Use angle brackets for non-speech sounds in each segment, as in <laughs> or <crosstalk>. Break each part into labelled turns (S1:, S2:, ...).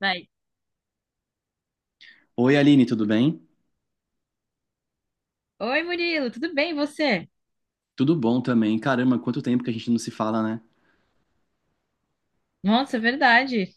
S1: Vai.
S2: Oi, Aline, tudo bem?
S1: Oi, Murilo, tudo bem, e você?
S2: Tudo bom também. Caramba, quanto tempo que a gente não se fala, né?
S1: Nossa, é verdade.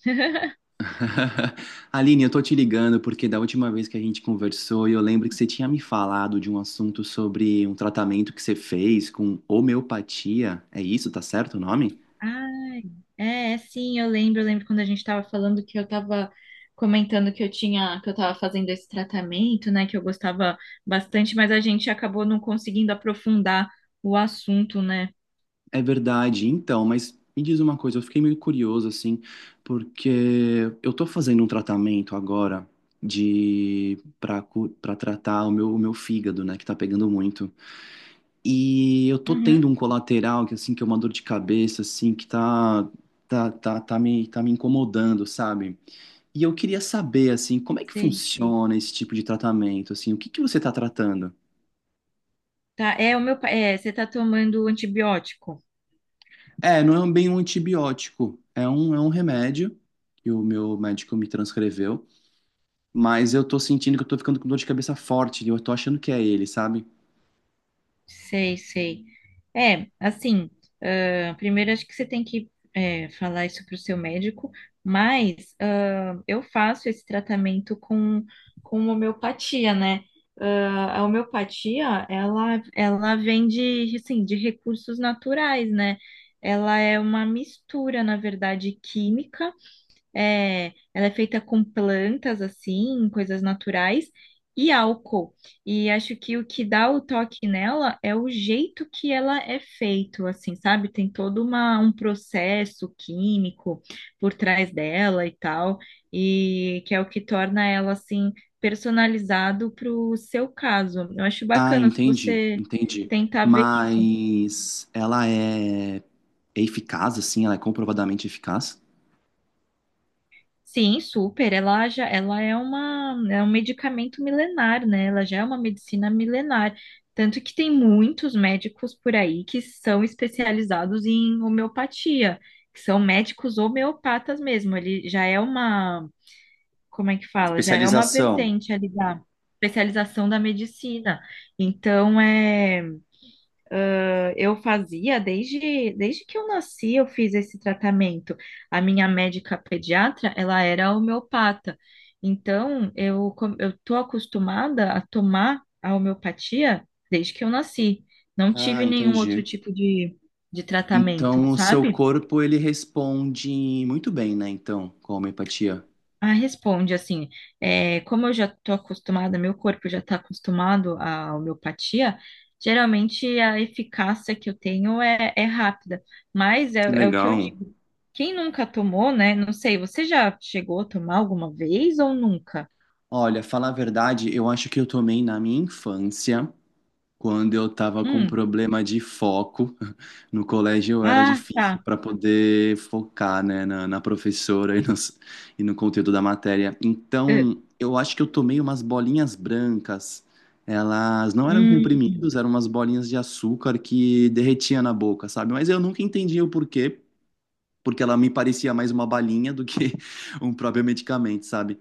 S2: <laughs> Aline, eu tô te ligando porque da última vez que a gente conversou, eu lembro que você tinha me falado de um assunto sobre um tratamento que você fez com homeopatia. É isso, tá certo o nome?
S1: Ai, sim, eu lembro quando a gente estava falando que eu estava comentando que eu estava fazendo esse tratamento, né, que eu gostava bastante, mas a gente acabou não conseguindo aprofundar o assunto, né?
S2: É verdade, então, mas me diz uma coisa, eu fiquei meio curioso assim, porque eu tô fazendo um tratamento agora de para tratar o meu fígado, né, que tá pegando muito. E eu tô
S1: Uhum,
S2: tendo um colateral que assim que é uma dor de cabeça assim que tá me incomodando, sabe? E eu queria saber assim, como é que
S1: sei, sei.
S2: funciona esse tipo de tratamento assim? O que que você tá tratando?
S1: Tá, é o meu, é, você tá tomando antibiótico?
S2: É, não é bem um antibiótico, é um remédio que o meu médico me transcreveu, mas eu tô sentindo que eu tô ficando com dor de cabeça forte, e eu tô achando que é ele, sabe?
S1: Sei, sei. É, assim, ah, primeiro acho que você tem que é, falar isso para o seu médico, mas ah, eu faço esse tratamento com homeopatia, né? A homeopatia, ela vem de, assim, de recursos naturais, né? Ela é uma mistura, na verdade, química. É, ela é feita com plantas, assim, coisas naturais e álcool. E acho que o que dá o toque nela é o jeito que ela é feito, assim, sabe? Tem todo uma, um processo químico por trás dela e tal, e que é o que torna ela, assim, personalizado para o seu caso. Eu acho
S2: Ah,
S1: bacana se
S2: entendi,
S1: você
S2: entendi.
S1: tentar ver isso.
S2: Mas ela é, é eficaz, assim, ela é comprovadamente eficaz?
S1: Sim, super. Ela já, ela é uma, é um medicamento milenar, né? Ela já é uma medicina milenar. Tanto que tem muitos médicos por aí que são especializados em homeopatia, que são médicos homeopatas mesmo. Ele já é uma, como é que fala? Já é uma
S2: Especialização.
S1: vertente ali da especialização da medicina. Então, é eu fazia desde que eu nasci, eu fiz esse tratamento. A minha médica pediatra, ela era homeopata. Então, eu tô acostumada a tomar a homeopatia desde que eu nasci. Não
S2: Ah,
S1: tive nenhum outro
S2: entendi.
S1: tipo de tratamento,
S2: Então, o seu
S1: sabe?
S2: corpo, ele responde muito bem, né? Então, com a homeopatia.
S1: Ah, responde assim, é, como eu já estou acostumada, meu corpo já está acostumado à homeopatia, geralmente a eficácia que eu tenho é rápida, mas
S2: Que
S1: é o que eu
S2: legal.
S1: digo. Quem nunca tomou, né? Não sei, você já chegou a tomar alguma vez ou nunca?
S2: Olha, falar a verdade, eu acho que eu tomei na minha infância. Quando eu estava com
S1: Hum,
S2: problema de foco <laughs> no colégio, eu era
S1: ah,
S2: difícil
S1: tá.
S2: para poder focar, né, na, na professora e e no, conteúdo da matéria. Então, eu acho que eu tomei umas bolinhas brancas. Elas não eram
S1: Eh,
S2: comprimidos, eram umas bolinhas de açúcar que derretia na boca, sabe? Mas eu nunca entendi o porquê, porque ela me parecia mais uma balinha do que <laughs> um próprio medicamento, sabe?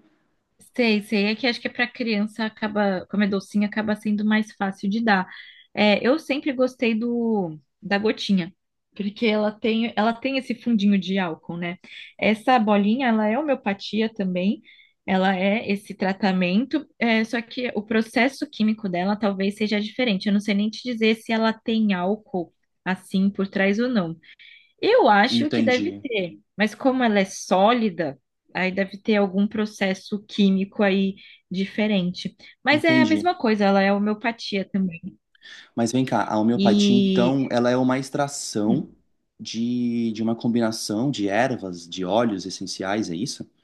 S1: Sei, sei. É que acho que para criança acaba, como é docinho, acaba sendo mais fácil de dar. É, eu sempre gostei do da gotinha, porque ela tem esse fundinho de álcool, né? Essa bolinha, ela é homeopatia também. Ela é esse tratamento, é, só que o processo químico dela talvez seja diferente. Eu não sei nem te dizer se ela tem álcool assim por trás ou não. Eu acho que deve
S2: Entendi,
S1: ter, mas como ela é sólida, aí deve ter algum processo químico aí diferente. Mas é a
S2: entendi.
S1: mesma coisa, ela é homeopatia também.
S2: Mas vem cá, a homeopatia,
S1: E
S2: então, ela é uma
S1: hum,
S2: extração de uma combinação de ervas, de óleos essenciais, é isso? <laughs>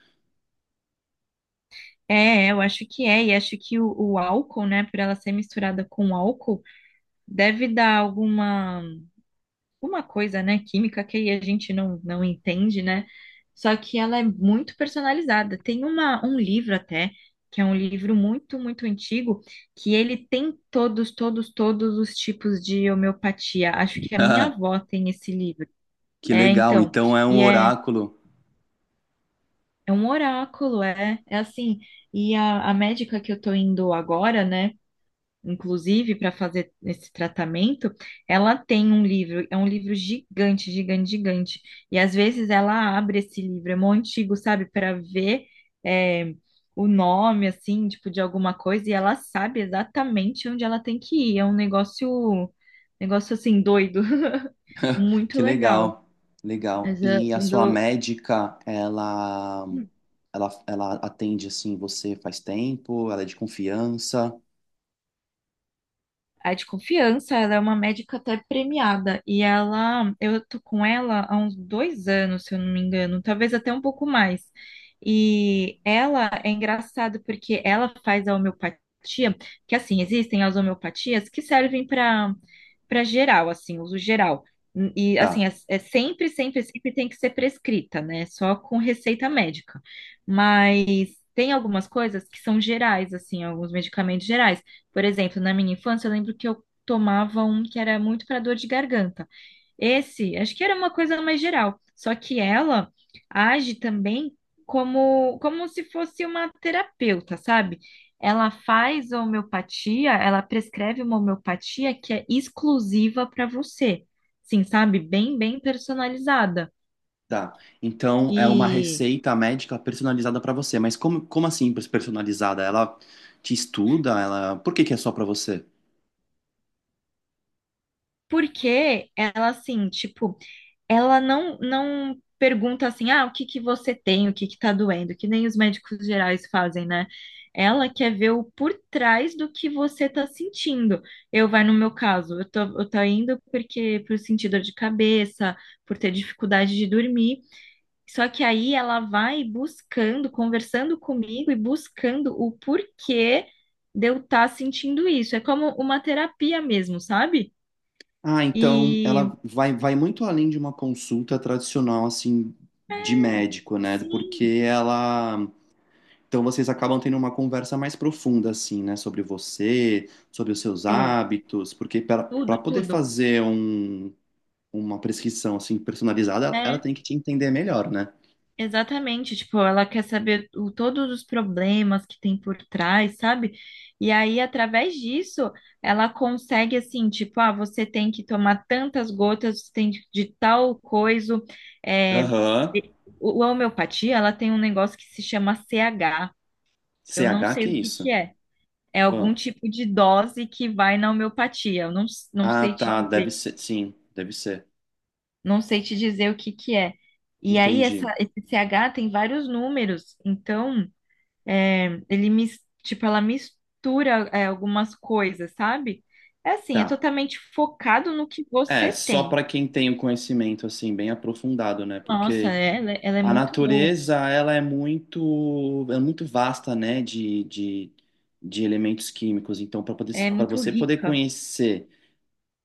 S1: é, eu acho que é, e acho que o álcool, né, por ela ser misturada com álcool, deve dar alguma uma coisa, né, química que a gente não, não entende, né? Só que ela é muito personalizada. Tem uma, um livro até, que é um livro muito, muito antigo, que ele tem todos, todos, todos os tipos de homeopatia. Acho que a minha
S2: Ah,
S1: avó tem esse livro.
S2: que
S1: É,
S2: legal,
S1: então,
S2: então é um
S1: e é,
S2: oráculo.
S1: é um oráculo, é assim. E a médica que eu tô indo agora, né? inclusive, para fazer esse tratamento, ela tem um livro, é um livro gigante, gigante, gigante. E às vezes ela abre esse livro, é mó antigo, sabe, para ver é, o nome, assim, tipo, de alguma coisa, e ela sabe exatamente onde ela tem que ir. É um negócio, negócio assim, doido, <laughs> muito
S2: Que
S1: legal.
S2: legal, legal.
S1: Mas
S2: E a sua
S1: quando.
S2: médica, ela, ela atende, assim, você faz tempo, ela é de confiança.
S1: A de confiança, ela é uma médica até premiada. E ela, eu tô com ela há uns 2 anos, se eu não me engano, talvez até um pouco mais. E ela é engraçado porque ela faz a homeopatia, que assim, existem as homeopatias que servem para geral, assim, uso geral. E assim,
S2: Tá,
S1: é sempre, sempre, sempre tem que ser prescrita, né? Só com receita médica. Mas tem algumas coisas que são gerais, assim, alguns medicamentos gerais. Por exemplo, na minha infância, eu lembro que eu tomava um que era muito para dor de garganta. Esse, acho que era uma coisa mais geral. Só que ela age também como, se fosse uma terapeuta, sabe? Ela faz homeopatia, ela prescreve uma homeopatia que é exclusiva para você. Sim, sabe? Bem, bem personalizada.
S2: tá. Então, é uma
S1: E
S2: receita médica personalizada para você. Mas como, como assim personalizada? Ela te estuda? Ela... Por que que é só para você?
S1: porque ela, assim, tipo, ela não, não pergunta assim, ah, o que que você tem, o que que tá doendo, que nem os médicos gerais fazem, né? Ela quer ver o por trás do que você tá sentindo. Eu, vai no meu caso, eu tô indo porque por sentir dor de cabeça, por ter dificuldade de dormir. Só que aí ela vai buscando, conversando comigo e buscando o porquê de eu estar sentindo isso. É como uma terapia mesmo, sabe?
S2: Ah, então
S1: E
S2: ela vai, vai muito além de uma consulta tradicional, assim, de médico, né?
S1: sim,
S2: Porque ela. Então vocês acabam tendo uma conversa mais profunda, assim, né? Sobre você, sobre os seus
S1: é,
S2: hábitos, porque para
S1: tudo,
S2: para poder
S1: tudo.
S2: fazer um, uma prescrição, assim, personalizada, ela,
S1: É,
S2: tem que te entender melhor, né?
S1: exatamente. Tipo, ela quer saber o, todos os problemas que tem por trás, sabe? E aí, através disso, ela consegue, assim, tipo, ah, você tem que tomar tantas gotas, você tem de tal coisa. É,
S2: Aham.
S1: e- o, a homeopatia, ela tem um negócio que se chama CH.
S2: C
S1: Eu não
S2: H,
S1: sei
S2: que é
S1: o que
S2: isso?
S1: que é. É algum
S2: Ah,
S1: tipo de dose que vai na homeopatia. Eu não, não
S2: Ah,
S1: sei te
S2: tá, deve
S1: dizer.
S2: ser. Sim, deve ser.
S1: Não sei te dizer o que que é. E aí,
S2: Entendi.
S1: essa, esse CH tem vários números, então é, tipo, ela mistura é, algumas coisas, sabe? É assim, é
S2: Tá.
S1: totalmente focado no que
S2: É,
S1: você
S2: só
S1: tem.
S2: para quem tem o conhecimento assim bem aprofundado, né?
S1: Nossa,
S2: Porque
S1: ela é
S2: a
S1: muito boa,
S2: natureza ela é muito vasta, né? De elementos químicos. Então, para poder
S1: é
S2: para
S1: muito
S2: você poder
S1: rica.
S2: conhecer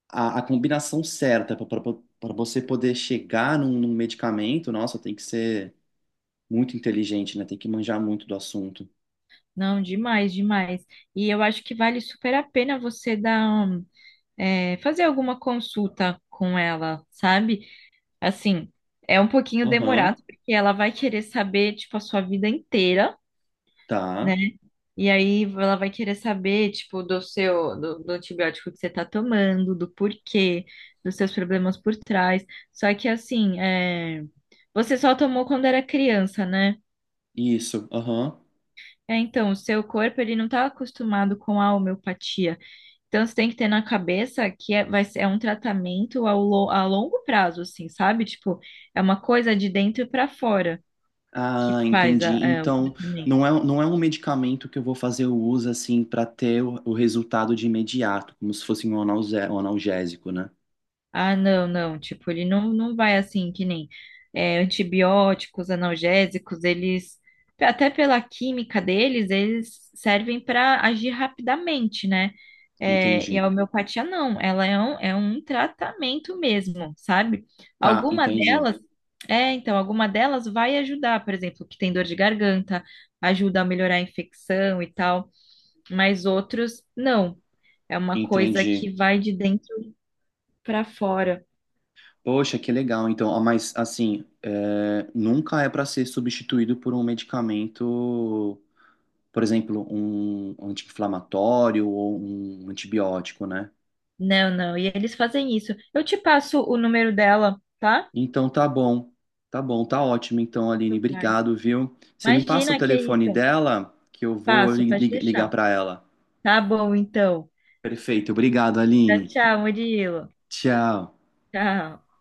S2: a combinação certa para você poder chegar num, num medicamento, nossa, tem que ser muito inteligente, né? Tem que manjar muito do assunto.
S1: Não, demais, demais. E eu acho que vale super a pena você dar, um, é, fazer alguma consulta com ela, sabe? Assim, é um pouquinho demorado,
S2: Aham,
S1: porque ela vai querer saber, tipo, a sua vida inteira, né?
S2: tá.
S1: E aí ela vai querer saber, tipo, do seu, do antibiótico que você tá tomando, do porquê, dos seus problemas por trás. Só que, assim, é, você só tomou quando era criança, né?
S2: Isso. Aham.
S1: É, então, o seu corpo, ele não tá acostumado com a homeopatia. Então, você tem que ter na cabeça que é, vai ser, é um tratamento a longo prazo, assim, sabe? Tipo, é uma coisa de dentro pra fora. Que
S2: Ah,
S1: faz
S2: entendi.
S1: é, o
S2: Então,
S1: tratamento.
S2: não é, não é um medicamento que eu vou fazer o uso assim para ter o resultado de imediato, como se fosse um um analgésico, né?
S1: Ah, não, não, tipo, ele não, não vai assim, que nem é, antibióticos, analgésicos, eles, até pela química deles, eles servem para agir rapidamente, né? É, e
S2: Entendi.
S1: a homeopatia não, ela é um, tratamento mesmo, sabe?
S2: Tá,
S1: Alguma
S2: entendi.
S1: delas, é, então, alguma delas vai ajudar, por exemplo, que tem dor de garganta, ajuda a melhorar a infecção e tal, mas outros não. É uma coisa
S2: Entendi.
S1: que vai de dentro pra fora.
S2: Poxa, que legal. Então, ah, mas assim, é, nunca é para ser substituído por um medicamento, por exemplo, um anti-inflamatório ou um antibiótico, né?
S1: Não, não. E eles fazem isso. Eu te passo o número dela, tá?
S2: Então tá bom. Tá bom, tá ótimo. Então, Aline,
S1: Tu vai.
S2: obrigado, viu? Você me passa o
S1: Imagina que é isso.
S2: telefone dela que eu vou
S1: Passo, pode
S2: ligar
S1: deixar.
S2: para ela.
S1: Tá bom, então.
S2: Perfeito, obrigado,
S1: Tchau,
S2: Aline.
S1: tchau, Murilo.
S2: Tchau.
S1: Tchau.